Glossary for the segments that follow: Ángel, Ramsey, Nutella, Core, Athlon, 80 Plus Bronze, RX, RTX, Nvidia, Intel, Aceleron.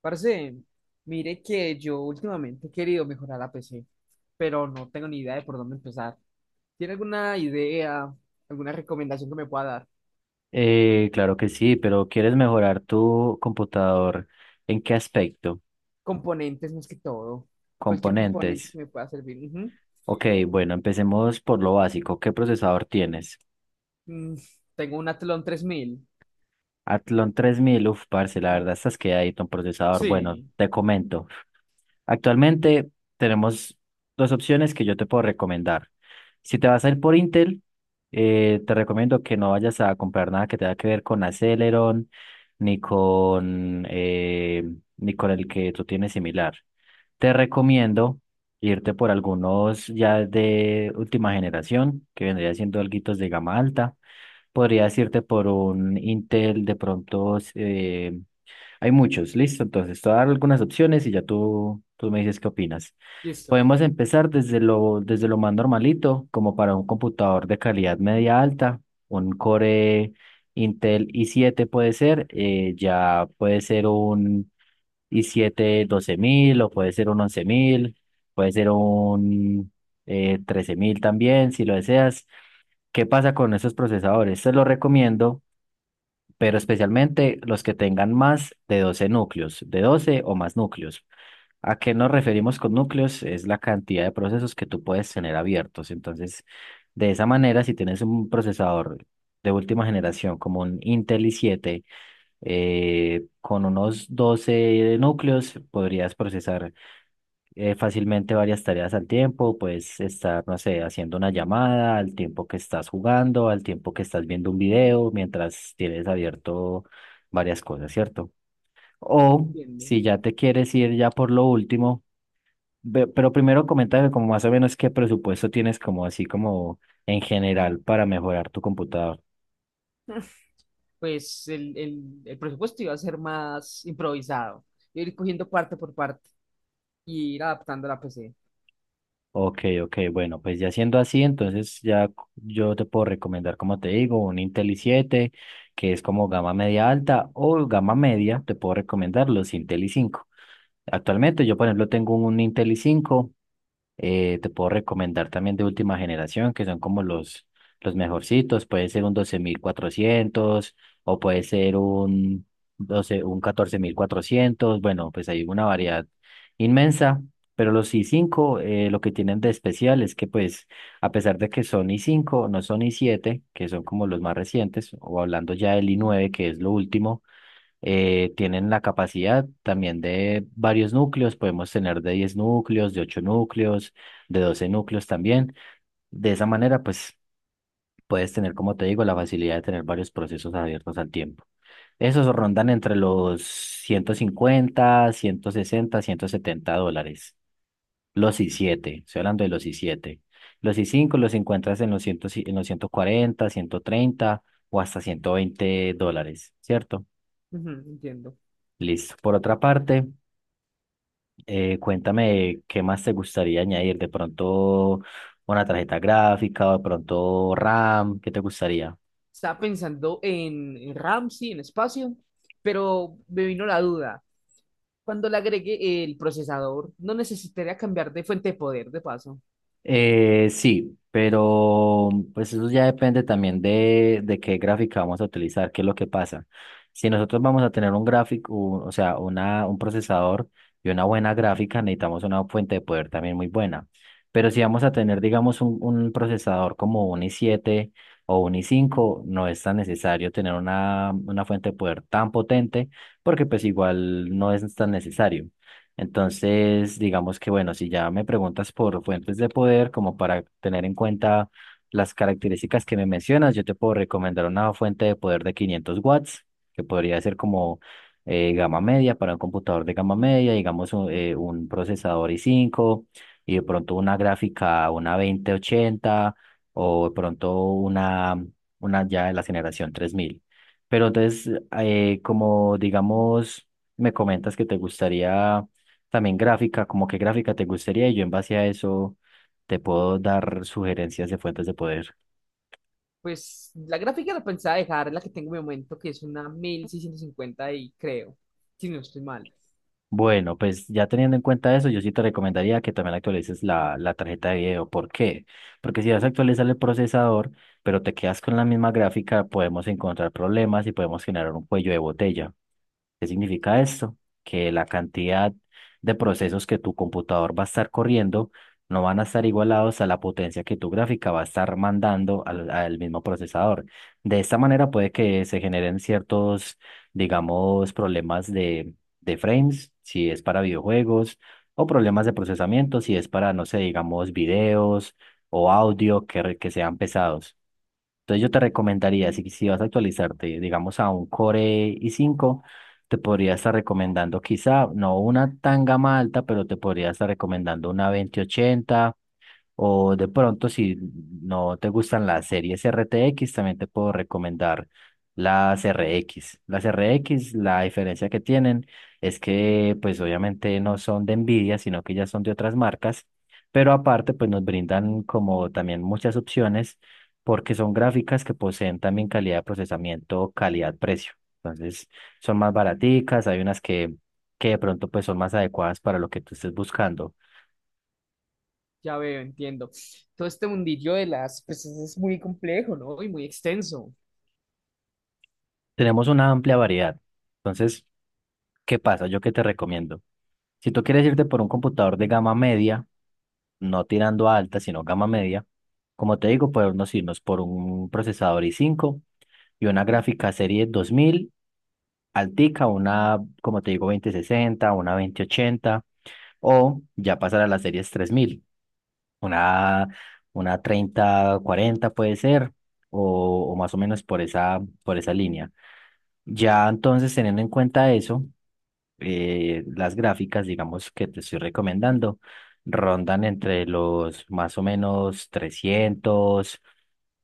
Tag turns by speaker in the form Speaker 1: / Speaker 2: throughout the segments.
Speaker 1: Parce, mire que yo últimamente he querido mejorar la PC, pero no tengo ni idea de por dónde empezar. ¿Tiene alguna idea, alguna recomendación que me pueda dar?
Speaker 2: Claro que sí, pero ¿quieres mejorar tu computador? ¿En qué aspecto?
Speaker 1: Componentes más que todo. Cualquier componente
Speaker 2: Componentes.
Speaker 1: que me pueda servir. Ujú.
Speaker 2: Ok, bueno, empecemos por lo básico. ¿Qué procesador tienes?
Speaker 1: Mm, Tengo un Athlon 3000.
Speaker 2: Athlon 3000, uf, parce, la
Speaker 1: Ujú.
Speaker 2: verdad estás quedadito un procesador. Bueno,
Speaker 1: Sí,
Speaker 2: te comento. Actualmente tenemos dos opciones que yo te puedo recomendar. Si te vas a ir por Intel, te recomiendo que no vayas a comprar nada que tenga que ver con Aceleron, ni con, eh, ni con el que tú tienes similar. Te recomiendo irte por algunos ya de última generación, que vendría siendo alguitos de gama alta. Podrías irte por un Intel, de pronto hay muchos, listo. Entonces, te voy a dar algunas opciones y ya tú me dices qué opinas.
Speaker 1: listo.
Speaker 2: Podemos empezar desde lo más normalito, como para un computador de calidad media alta, un Core Intel i7 puede ser, ya puede ser un y 7 12 mil o puede ser un 11000, puede ser un 13 mil también si lo deseas. ¿Qué pasa con esos procesadores? Te los recomiendo, pero especialmente los que tengan más de 12 núcleos, de 12 o más núcleos. ¿A qué nos referimos con núcleos? Es la cantidad de procesos que tú puedes tener abiertos. Entonces, de esa manera, si tienes un procesador de última generación como un Intel i siete con unos 12 núcleos podrías procesar fácilmente varias tareas al tiempo, puedes estar, no sé, haciendo una llamada, al tiempo que estás jugando, al tiempo que estás viendo un video, mientras tienes abierto varias cosas, ¿cierto? O
Speaker 1: Entiendo.
Speaker 2: si ya te quieres ir ya por lo último, pero primero coméntame como más o menos qué presupuesto tienes como así como en general para mejorar tu computador.
Speaker 1: Pues el presupuesto iba a ser más improvisado. Ir cogiendo parte por parte y ir adaptando la PC.
Speaker 2: Ok, ok, bueno, pues ya siendo así, entonces ya yo te puedo recomendar, como te digo, un Intel i siete que es como gama media alta, o gama media, te puedo recomendar los Intel i cinco. Actualmente yo, por ejemplo, tengo un Intel i cinco. Te puedo recomendar también de última generación, que son como los mejorcitos. Puede ser un 12000 cuatrocientos o puede ser un, 12, un 14400. Bueno, pues hay una variedad inmensa. Pero los i cinco, lo que tienen de especial es que, pues, a pesar de que son i cinco no son i siete que son como los más recientes, o hablando ya del i nueve que es lo último, tienen la capacidad también de varios núcleos, podemos tener de 10 núcleos, de 8 núcleos, de 12 núcleos también. De esa manera, pues puedes tener, como te digo, la facilidad de tener varios procesos abiertos al tiempo. Esos rondan entre los $150, $160, $170. Los i7, estoy hablando de los i7. Los i5 los encuentras en los, 100 en los 140, 130 o hasta $120, ¿cierto?
Speaker 1: Ujú, entiendo.
Speaker 2: Listo. Por otra parte, cuéntame qué más te gustaría añadir, de pronto una tarjeta gráfica o de pronto RAM, ¿qué te gustaría?
Speaker 1: Estaba pensando en Ramsey, en espacio, pero me vino la duda. Cuando le agregue el procesador, no necesitaría cambiar de fuente de poder, de paso.
Speaker 2: Sí, pero pues eso ya depende también de qué gráfica vamos a utilizar, qué es lo que pasa. Si nosotros vamos a tener un gráfico, o sea, un procesador y una buena gráfica, necesitamos una fuente de poder también muy buena. Pero si vamos a tener, digamos, un procesador como un i siete o un i cinco no es tan necesario tener una fuente de poder tan potente, porque pues igual no es tan necesario. Entonces, digamos que bueno, si ya me preguntas por fuentes de poder, como para tener en cuenta las características que me mencionas, yo te puedo recomendar una fuente de poder de 500 watts, que podría ser como gama media para un computador de gama media, digamos un procesador i cinco y de pronto una gráfica, una 2080 o de pronto una ya de la generación 3000. Pero entonces, como digamos, me comentas que te gustaría también gráfica, como qué gráfica te gustaría y yo en base a eso te puedo dar sugerencias de fuentes de poder.
Speaker 1: Pues la gráfica la pensaba dejar, la que tengo en mi momento, que es una 1650 y creo, si no estoy mal.
Speaker 2: Bueno, pues ya teniendo en cuenta eso, yo sí te recomendaría que también actualices la tarjeta de video. ¿Por qué? Porque si vas a actualizar el procesador, pero te quedas con la misma gráfica, podemos encontrar problemas y podemos generar un cuello de botella. ¿Qué significa esto? Que la cantidad de procesos que tu computador va a estar corriendo no van a estar igualados a la potencia que tu gráfica va a estar mandando al mismo procesador. De esta manera puede que se generen ciertos, digamos, problemas de frames, si es para videojuegos, o problemas de procesamiento, si es para, no sé, digamos, videos o audio que sean pesados. Entonces yo te recomendaría, si vas a actualizarte, digamos, a un Core i cinco, te podría estar recomendando quizá, no una tan gama alta, pero te podría estar recomendando una 2080. O de pronto, si no te gustan las series RTX, también te puedo recomendar las RX. Las R x la diferencia que tienen es que, pues obviamente no son de Nvidia, sino que ya son de otras marcas, pero aparte, pues nos brindan como también muchas opciones porque son gráficas que poseen también calidad de procesamiento, calidad-precio. Entonces, son más baraticas, hay unas que de pronto pues son más adecuadas para lo que tú estés buscando.
Speaker 1: Ya veo, entiendo. Todo este mundillo de las pues es muy complejo, ¿no? Y muy extenso.
Speaker 2: Tenemos una amplia variedad. Entonces, ¿qué pasa? ¿Yo qué te recomiendo? Si tú quieres irte por un computador de gama media, no tirando a alta, sino gama media, como te digo, podemos irnos por un procesador i5 y una gráfica serie 2000 altica, una, como te digo, 2060 una veinte ochenta o ya pasar a las series 3000 una, una 3040 puede ser, o más o menos por esa línea. Ya entonces, teniendo en cuenta eso, las gráficas, digamos, que te estoy recomendando, rondan entre los más o menos 300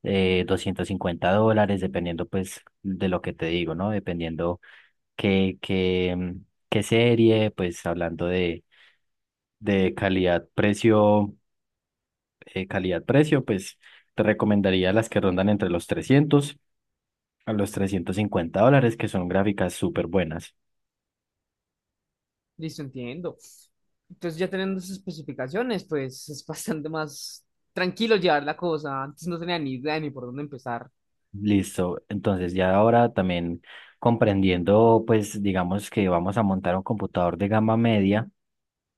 Speaker 2: $250, dependiendo pues de lo que te digo, ¿no? Dependiendo qué serie, pues hablando de calidad, precio, pues te recomendaría las que rondan entre los $300 a los $350, que son gráficas súper buenas.
Speaker 1: Listo, entiendo. Entonces ya teniendo esas especificaciones, pues es bastante más tranquilo llevar la cosa. Antes no tenía ni idea ni por dónde empezar.
Speaker 2: Listo. Entonces, ya ahora también comprendiendo, pues digamos que vamos a montar un computador de gama media,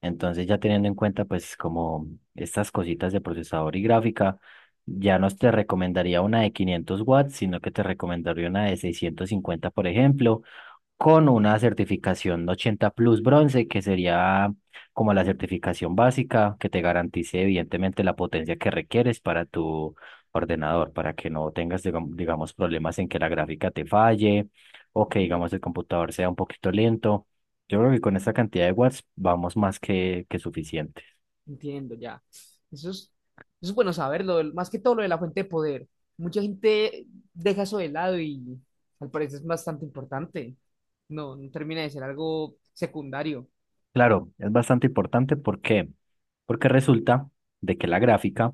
Speaker 2: entonces ya teniendo en cuenta pues como estas cositas de procesador y gráfica, ya no te recomendaría una de 500 watts, sino que te recomendaría una de 650 por ejemplo, con una certificación 80 Plus Bronce, que sería como la certificación básica que te garantice evidentemente la potencia que requieres para tu ordenador, para que no tengas, digamos, problemas en que la gráfica te falle o que,
Speaker 1: Ujú.
Speaker 2: digamos, el computador sea un poquito lento. Yo creo que con esta cantidad de watts vamos más que suficientes.
Speaker 1: Entiendo ya. Eso es, eso es bueno saberlo, el más que todo lo de la fuente de poder. Mucha gente deja eso de lado y al parecer es bastante importante. No, no termina de ser algo secundario.
Speaker 2: Claro, es bastante importante porque resulta de que la gráfica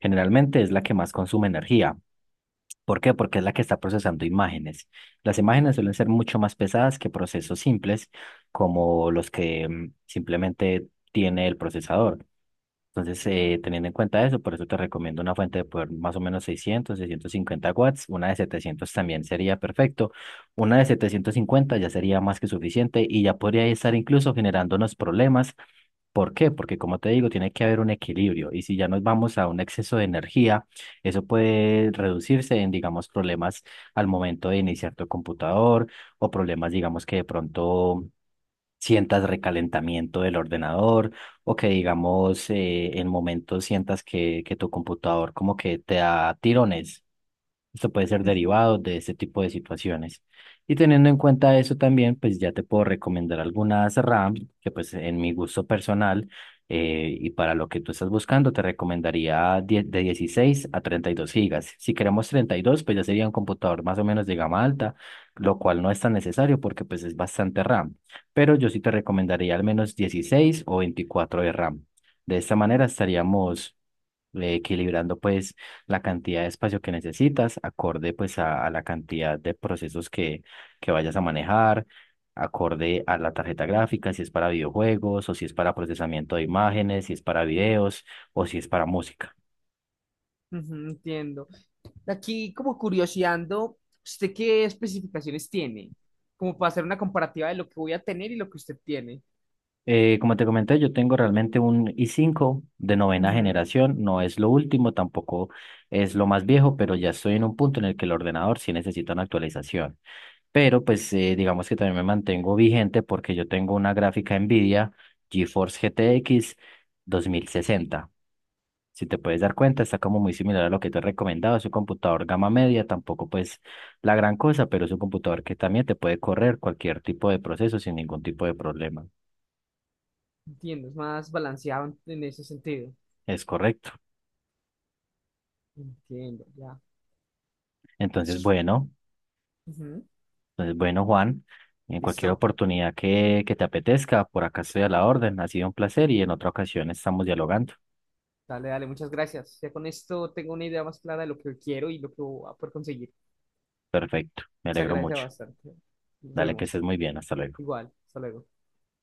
Speaker 2: generalmente es la que más consume energía. ¿Por qué? Porque es la que está procesando imágenes. Las imágenes suelen ser mucho más pesadas que procesos simples, como los que simplemente tiene el procesador. Entonces, teniendo en cuenta eso, por eso te recomiendo una fuente de poder más o menos 600, 650 watts. Una de 700 también sería perfecto. Una de 750 ya sería más que suficiente y ya podría estar incluso generándonos problemas. ¿Por qué? Porque como te digo, tiene que haber un equilibrio y si ya nos vamos a un exceso de energía, eso puede reducirse en, digamos, problemas al momento de iniciar tu computador o problemas, digamos, que de pronto sientas recalentamiento del ordenador o que, digamos, en momentos sientas que tu computador como que te da tirones. Esto puede ser derivado de este tipo de situaciones. Y teniendo en cuenta eso también, pues ya te puedo recomendar algunas RAM que pues en mi gusto personal y para lo que tú estás buscando, te recomendaría de 16 a 32 gigas. Si queremos 32 pues ya sería un computador más o menos de gama alta, lo cual no es tan necesario porque pues es bastante RAM. Pero yo sí te recomendaría al menos 16 o 24 de RAM. De esta manera estaríamos equilibrando pues la cantidad de espacio que necesitas, acorde pues a la cantidad de procesos que vayas a manejar, acorde a la tarjeta gráfica, si es para videojuegos o si es para procesamiento de imágenes, si es para videos o si es para música.
Speaker 1: Ujú, entiendo. Aquí, como curioseando, ¿usted qué especificaciones tiene? Como para hacer una comparativa de lo que voy a tener y lo que usted tiene.
Speaker 2: Como te comenté, yo tengo realmente un i cinco de novena
Speaker 1: Ujú.
Speaker 2: generación, no es lo último, tampoco es lo más viejo, pero ya estoy en un punto en el que el ordenador sí necesita una actualización. Pero pues digamos que también me mantengo vigente porque yo tengo una gráfica NVIDIA GeForce GTX 2060. Si te puedes dar cuenta, está como muy similar a lo que te he recomendado. Es un computador gama media, tampoco pues la gran cosa, pero es un computador que también te puede correr cualquier tipo de proceso sin ningún tipo de problema.
Speaker 1: Entiendo, es más balanceado en ese sentido.
Speaker 2: Es correcto.
Speaker 1: Entiendo, ya. Eso
Speaker 2: Entonces,
Speaker 1: es.
Speaker 2: bueno,
Speaker 1: Ujú.
Speaker 2: entonces, bueno, Juan, en cualquier
Speaker 1: Listo.
Speaker 2: oportunidad que te apetezca, por acá estoy a la orden. Ha sido un placer y en otra ocasión estamos dialogando.
Speaker 1: Dale, dale, muchas gracias. Ya con esto tengo una idea más clara de lo que quiero y lo que voy a poder conseguir.
Speaker 2: Perfecto, me
Speaker 1: Se
Speaker 2: alegro
Speaker 1: agradece
Speaker 2: mucho.
Speaker 1: bastante. Nos
Speaker 2: Dale, que estés
Speaker 1: vemos.
Speaker 2: muy bien. Hasta luego.
Speaker 1: Igual, hasta luego.